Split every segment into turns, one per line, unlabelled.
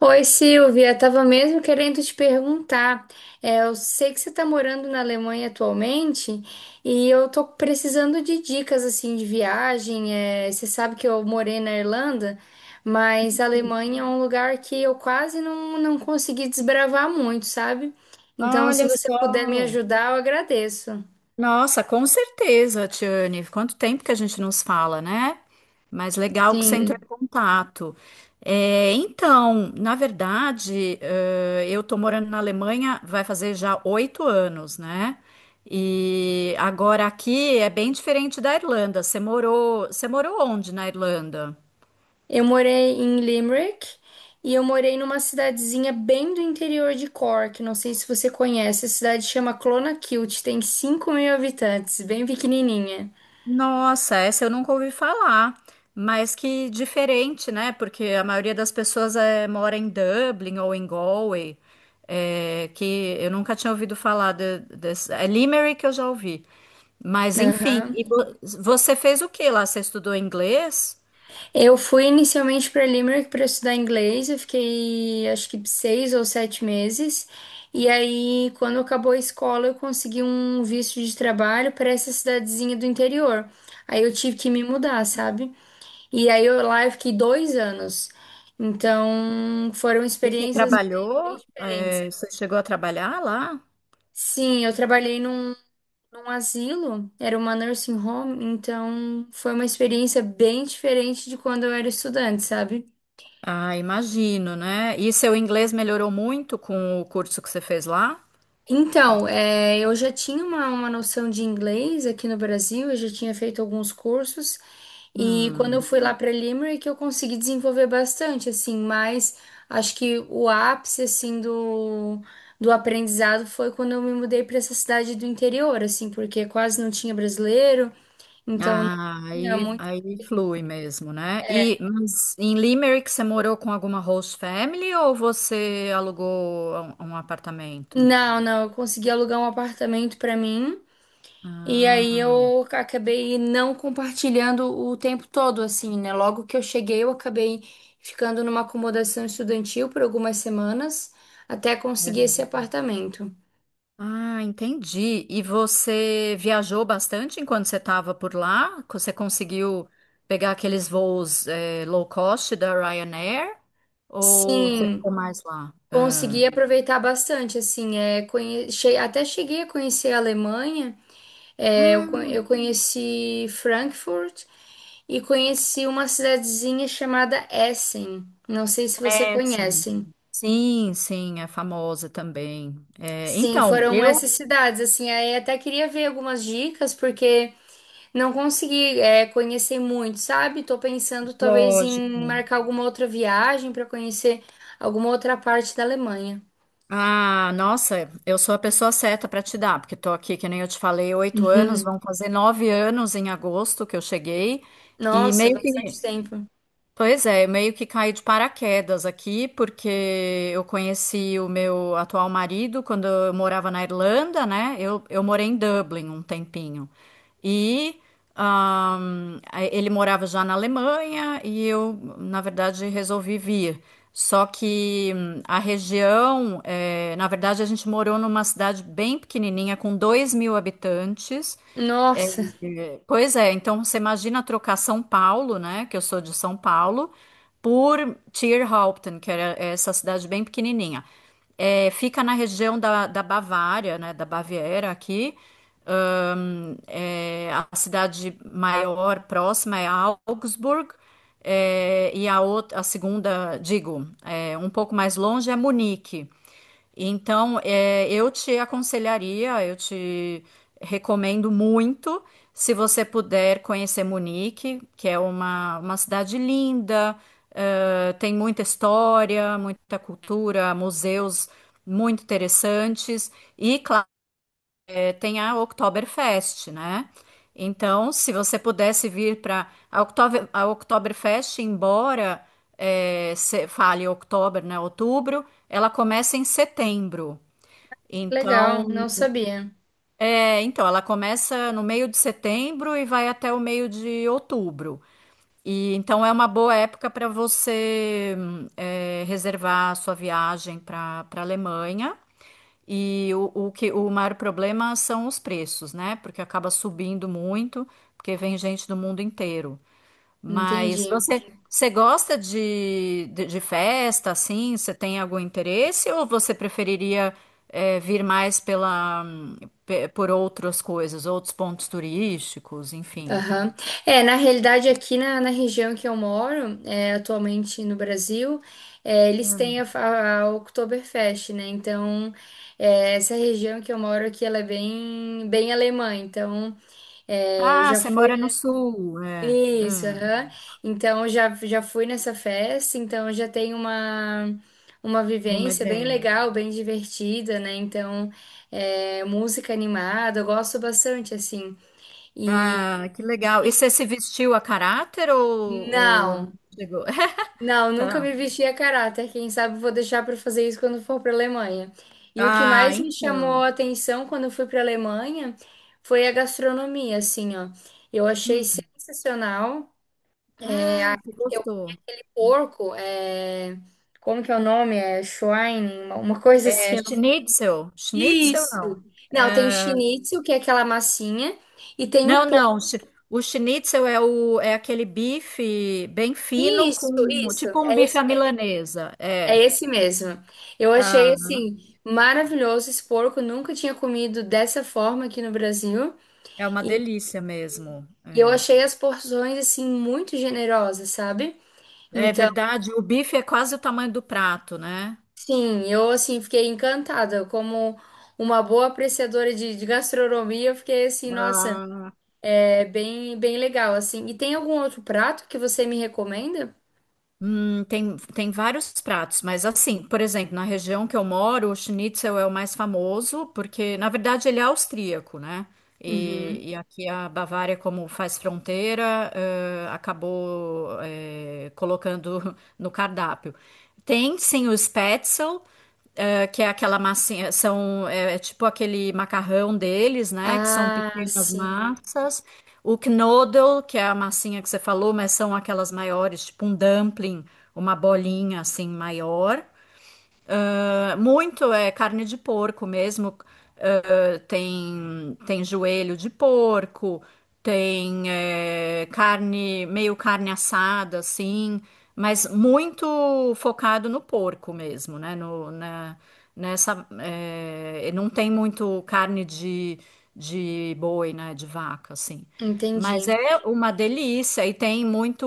Oi, Silvia, estava mesmo querendo te perguntar. Eu sei que você está morando na Alemanha atualmente e eu tô precisando de dicas assim de viagem. Você sabe que eu morei na Irlanda, mas a Alemanha é um lugar que eu quase não consegui desbravar muito, sabe? Então, se
Olha
você puder me
só.
ajudar, eu agradeço.
Nossa, com certeza, Tiane. Quanto tempo que a gente nos fala, né? Mas legal que você entrou em
Sim.
contato. É, então, na verdade, eu tô morando na Alemanha, vai fazer já 8 anos, né? E agora aqui é bem diferente da Irlanda. Você morou onde na Irlanda?
Eu morei em Limerick e eu morei numa cidadezinha bem do interior de Cork. Não sei se você conhece, a cidade chama Clonakilty, tem 5.000 habitantes, bem pequenininha.
Nossa, essa eu nunca ouvi falar, mas que diferente, né? Porque a maioria das pessoas mora em Dublin ou em Galway, que eu nunca tinha ouvido falar desse. É Limerick que eu já ouvi. Mas enfim,
Aham.
e você fez o que lá? Você estudou inglês?
Eu fui inicialmente para Limerick para estudar inglês, eu fiquei acho que 6 ou 7 meses. E aí, quando acabou a escola, eu consegui um visto de trabalho para essa cidadezinha do interior. Aí eu tive que me mudar, sabe? E aí eu lá eu fiquei 2 anos. Então foram
E você
experiências bem, bem
trabalhou?
diferentes.
Você chegou a trabalhar lá?
Sim, eu trabalhei num asilo, era uma nursing home, então foi uma experiência bem diferente de quando eu era estudante, sabe?
Ah, imagino, né? E seu inglês melhorou muito com o curso que você fez lá?
Então, eu já tinha uma noção de inglês aqui no Brasil, eu já tinha feito alguns cursos. E quando eu
Hum.
fui lá para Limerick, eu consegui desenvolver bastante, assim, mas acho que o ápice, assim, do aprendizado foi quando eu me mudei para essa cidade do interior, assim, porque quase não tinha brasileiro, então não
Ah,
tinha muito.
aí flui mesmo, né? E mas em Limerick você morou com alguma host family ou você alugou um apartamento?
Não, não, eu consegui alugar um apartamento para mim. E aí
Ah,
eu acabei não compartilhando o tempo todo, assim, né? Logo que eu cheguei, eu acabei ficando numa acomodação estudantil por algumas semanas até conseguir
é.
esse apartamento.
Ah, entendi. E você viajou bastante enquanto você estava por lá? Você conseguiu pegar aqueles voos low cost da Ryanair? Ou você
Sim,
ficou mais lá? Ah.
consegui aproveitar bastante, assim, até cheguei a conhecer a Alemanha,
Ah,
eu conheci Frankfurt e conheci uma cidadezinha chamada Essen, não sei se você
é, sim.
conhece.
Sim, sim, é famosa também. É,
Sim,
então,
foram essas
eu
cidades, assim, aí até queria ver algumas dicas, porque não consegui, conhecer muito, sabe? Tô pensando talvez em
lógico.
marcar alguma outra viagem para conhecer alguma outra parte da Alemanha.
Ah, nossa, eu sou a pessoa certa para te dar, porque estou aqui, que nem eu te falei, 8 anos, vão fazer 9 anos em agosto que eu cheguei, e
Nossa,
meio
bastante
que.
tempo.
Pois é, meio que caí de paraquedas aqui, porque eu conheci o meu atual marido quando eu morava na Irlanda, né? Eu morei em Dublin um tempinho. E ele morava já na Alemanha e eu, na verdade, resolvi vir. Só que a região, na verdade, a gente morou numa cidade bem pequenininha, com 2.000 habitantes. É,
Nossa,
é, pois é, então você imagina trocar São Paulo, né, que eu sou de São Paulo, por Tierhaupten, que era essa cidade bem pequenininha. É, fica na região da Bavária, né, da Baviera aqui. É, a cidade maior próxima é Augsburg, é, e a outra, a segunda, digo, é, um pouco mais longe é Munique. Então, é, eu te aconselharia, eu te recomendo muito, se você puder conhecer Munique, que é uma cidade linda, tem muita história, muita cultura, museus muito interessantes. E, claro, tem a Oktoberfest, né? Então, se você pudesse vir para a a Oktoberfest, embora se fale outubro, né? Outubro, ela começa em setembro.
legal,
Então,
não sabia.
então, ela começa no meio de setembro e vai até o meio de outubro. E então é uma boa época para você reservar a sua viagem para Alemanha. E o que o maior problema são os preços, né? Porque acaba subindo muito, porque vem gente do mundo inteiro. Mas
Entendi.
você gosta de festa, assim? Você tem algum interesse ou você preferiria vir mais pela, por outras coisas, outros pontos turísticos, enfim?
Aham. Na realidade, aqui na região que eu moro, atualmente no Brasil, eles têm
Hum.
a Oktoberfest, né? Então, essa região que eu moro aqui, ela é bem, bem alemã. Então, eu
Ah,
já
você
fui.
mora no sul, é.
Isso, aham. Então já, já fui nessa festa, então já tem uma
Uma
vivência bem
ideia.
legal, bem divertida, né? Então, música animada, eu gosto bastante, assim. E,
Ah, que legal. E
e-
você se vestiu a caráter ou, ou...
não,
chegou?
não,
Tá.
nunca me vesti a caráter. Quem sabe vou deixar para fazer isso quando for para Alemanha. E o que
Ah,
mais me chamou
então.
a atenção quando eu fui para Alemanha foi a gastronomia, assim, ó. Eu achei
Hum.
sensacional.
Ah, você gostou.
Porco, é... como que é o nome? É Schwein, uma coisa assim.
É
Eu não-
schnitzel. Schnitzel
Isso.
não.
Não, tem o schnitzel, que é aquela massinha, e tem o
Não,
porco.
não. O schnitzel é aquele bife bem fino
Isso,
com
isso,
tipo um
é
bife à
esse mesmo.
milanesa.
É
É.
esse mesmo. Eu achei
Ah,
assim maravilhoso esse porco, nunca tinha comido dessa forma aqui no Brasil,
é uma
e
delícia mesmo.
eu
É.
achei as porções assim muito generosas, sabe?
É
Então,
verdade, o bife é quase o tamanho do prato, né?
sim, eu assim fiquei encantada, como uma boa apreciadora de gastronomia, eu fiquei assim, nossa. É bem, bem legal, assim. E tem algum outro prato que você me recomenda?
Tem vários pratos, mas assim, por exemplo, na região que eu moro, o schnitzel é o mais famoso, porque na verdade ele é austríaco, né?
Uhum.
E aqui a Bavária, como faz fronteira, acabou, colocando no cardápio. Tem sim o spätzle, que é aquela massinha, é tipo aquele macarrão deles, né? Que são
Ah,
pequenas
sim,
massas. O Knoddle, que é a massinha que você falou, mas são aquelas maiores, tipo um dumpling, uma bolinha assim maior. Ah, muito é carne de porco mesmo tem joelho de porco, tem carne, meio carne assada, assim, mas muito focado no porco mesmo, né? Não tem muito carne de boi, né? De vaca, assim. Mas
entendi.
é uma delícia e tem muito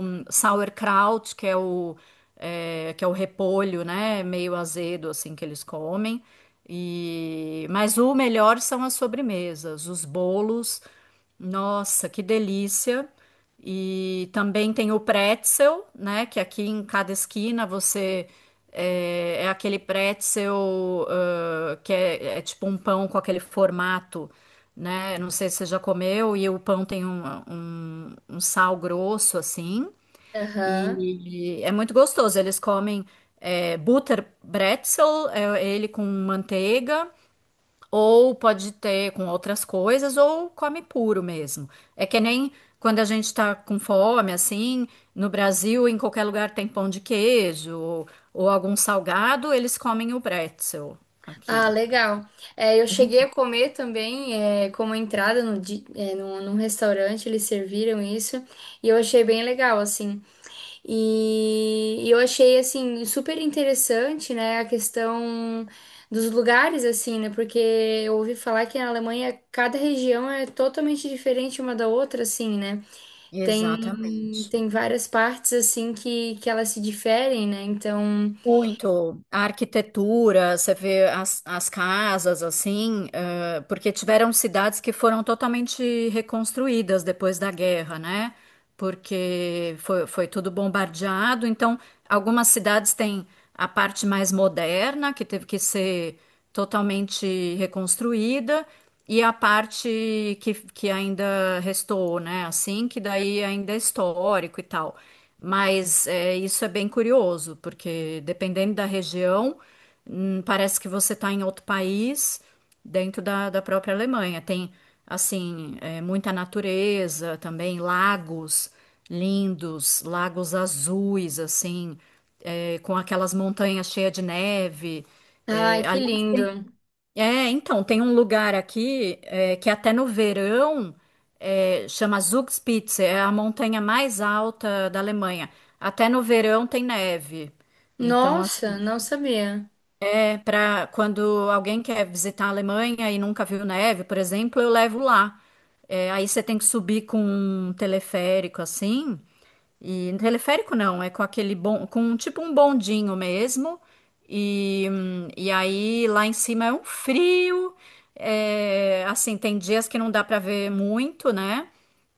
sauerkraut, que é o repolho, né? Meio azedo, assim, que eles comem. Mas o melhor são as sobremesas, os bolos. Nossa, que delícia! E também tem o pretzel, né? Que aqui em cada esquina é aquele pretzel que é tipo um pão com aquele formato, né? Não sei se você já comeu, e o pão tem um sal grosso assim.
Aham.
E é muito gostoso. Eles comem Butterbrezel, é ele com manteiga, ou pode ter com outras coisas, ou come puro mesmo. É que nem quando a gente tá com fome, assim, no Brasil, em qualquer lugar tem pão de queijo ou algum salgado, eles comem o bretzel
Ah,
aqui.
legal. É, eu cheguei a comer também, é, como entrada no, di- é, num, num restaurante, eles serviram isso, e eu achei bem legal, assim. E eu achei, assim, super interessante, né, a questão dos lugares, assim, né, porque eu ouvi falar que na Alemanha cada região é totalmente diferente uma da outra, assim, né. Tem,
Exatamente.
tem várias partes, assim, que elas se diferem, né, então...
Muito. A arquitetura, você vê as casas assim. Porque tiveram cidades que foram totalmente reconstruídas depois da guerra, né? Porque foi tudo bombardeado. Então, algumas cidades têm a parte mais moderna, que teve que ser totalmente reconstruída, e a parte que ainda restou, né? Assim, que daí ainda é histórico e tal. Mas é, isso é bem curioso, porque dependendo da região, parece que você está em outro país dentro da própria Alemanha. Tem, assim, é, muita natureza também, lagos lindos, lagos azuis, assim, é, com aquelas montanhas cheias de neve. É,
Ai, que
aliás,
lindo.
tem- é, então, tem um lugar aqui que até no verão chama Zugspitze, é a montanha mais alta da Alemanha. Até no verão tem neve. Então,
Nossa,
assim,
não sabia.
é, para quando alguém quer visitar a Alemanha e nunca viu neve, por exemplo, eu levo lá. É, aí você tem que subir com um teleférico assim. E teleférico não, é com aquele com tipo um bondinho mesmo. E aí lá em cima é um frio. É, assim, tem dias que não dá para ver muito, né?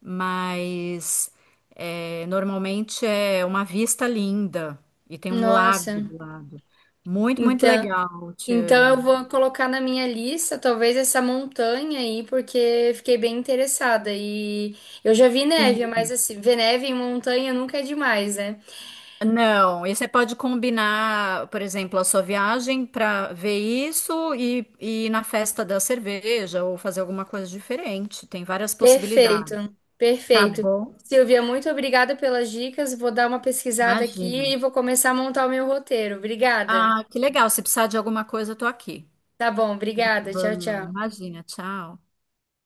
Mas é, normalmente é uma vista linda e tem um
Nossa,
lago do lado. Muito, muito
então,
legal,
então eu
Tiane.
vou colocar na minha lista, talvez essa montanha aí, porque fiquei bem interessada. E eu já vi
Sim.
neve, mas assim, ver neve em montanha nunca é demais, né?
Não, e você pode combinar, por exemplo, a sua viagem para ver isso e ir na festa da cerveja ou fazer alguma coisa diferente. Tem várias possibilidades.
Perfeito,
Tá
perfeito.
bom?
Silvia, muito obrigada pelas dicas. Vou dar uma pesquisada aqui e
Imagina.
vou começar a montar o meu roteiro. Obrigada.
Ah, que legal. Se precisar de alguma coisa, eu tô aqui.
Tá bom,
Tá
obrigada. Tchau,
bom,
tchau.
Imagina, tchau.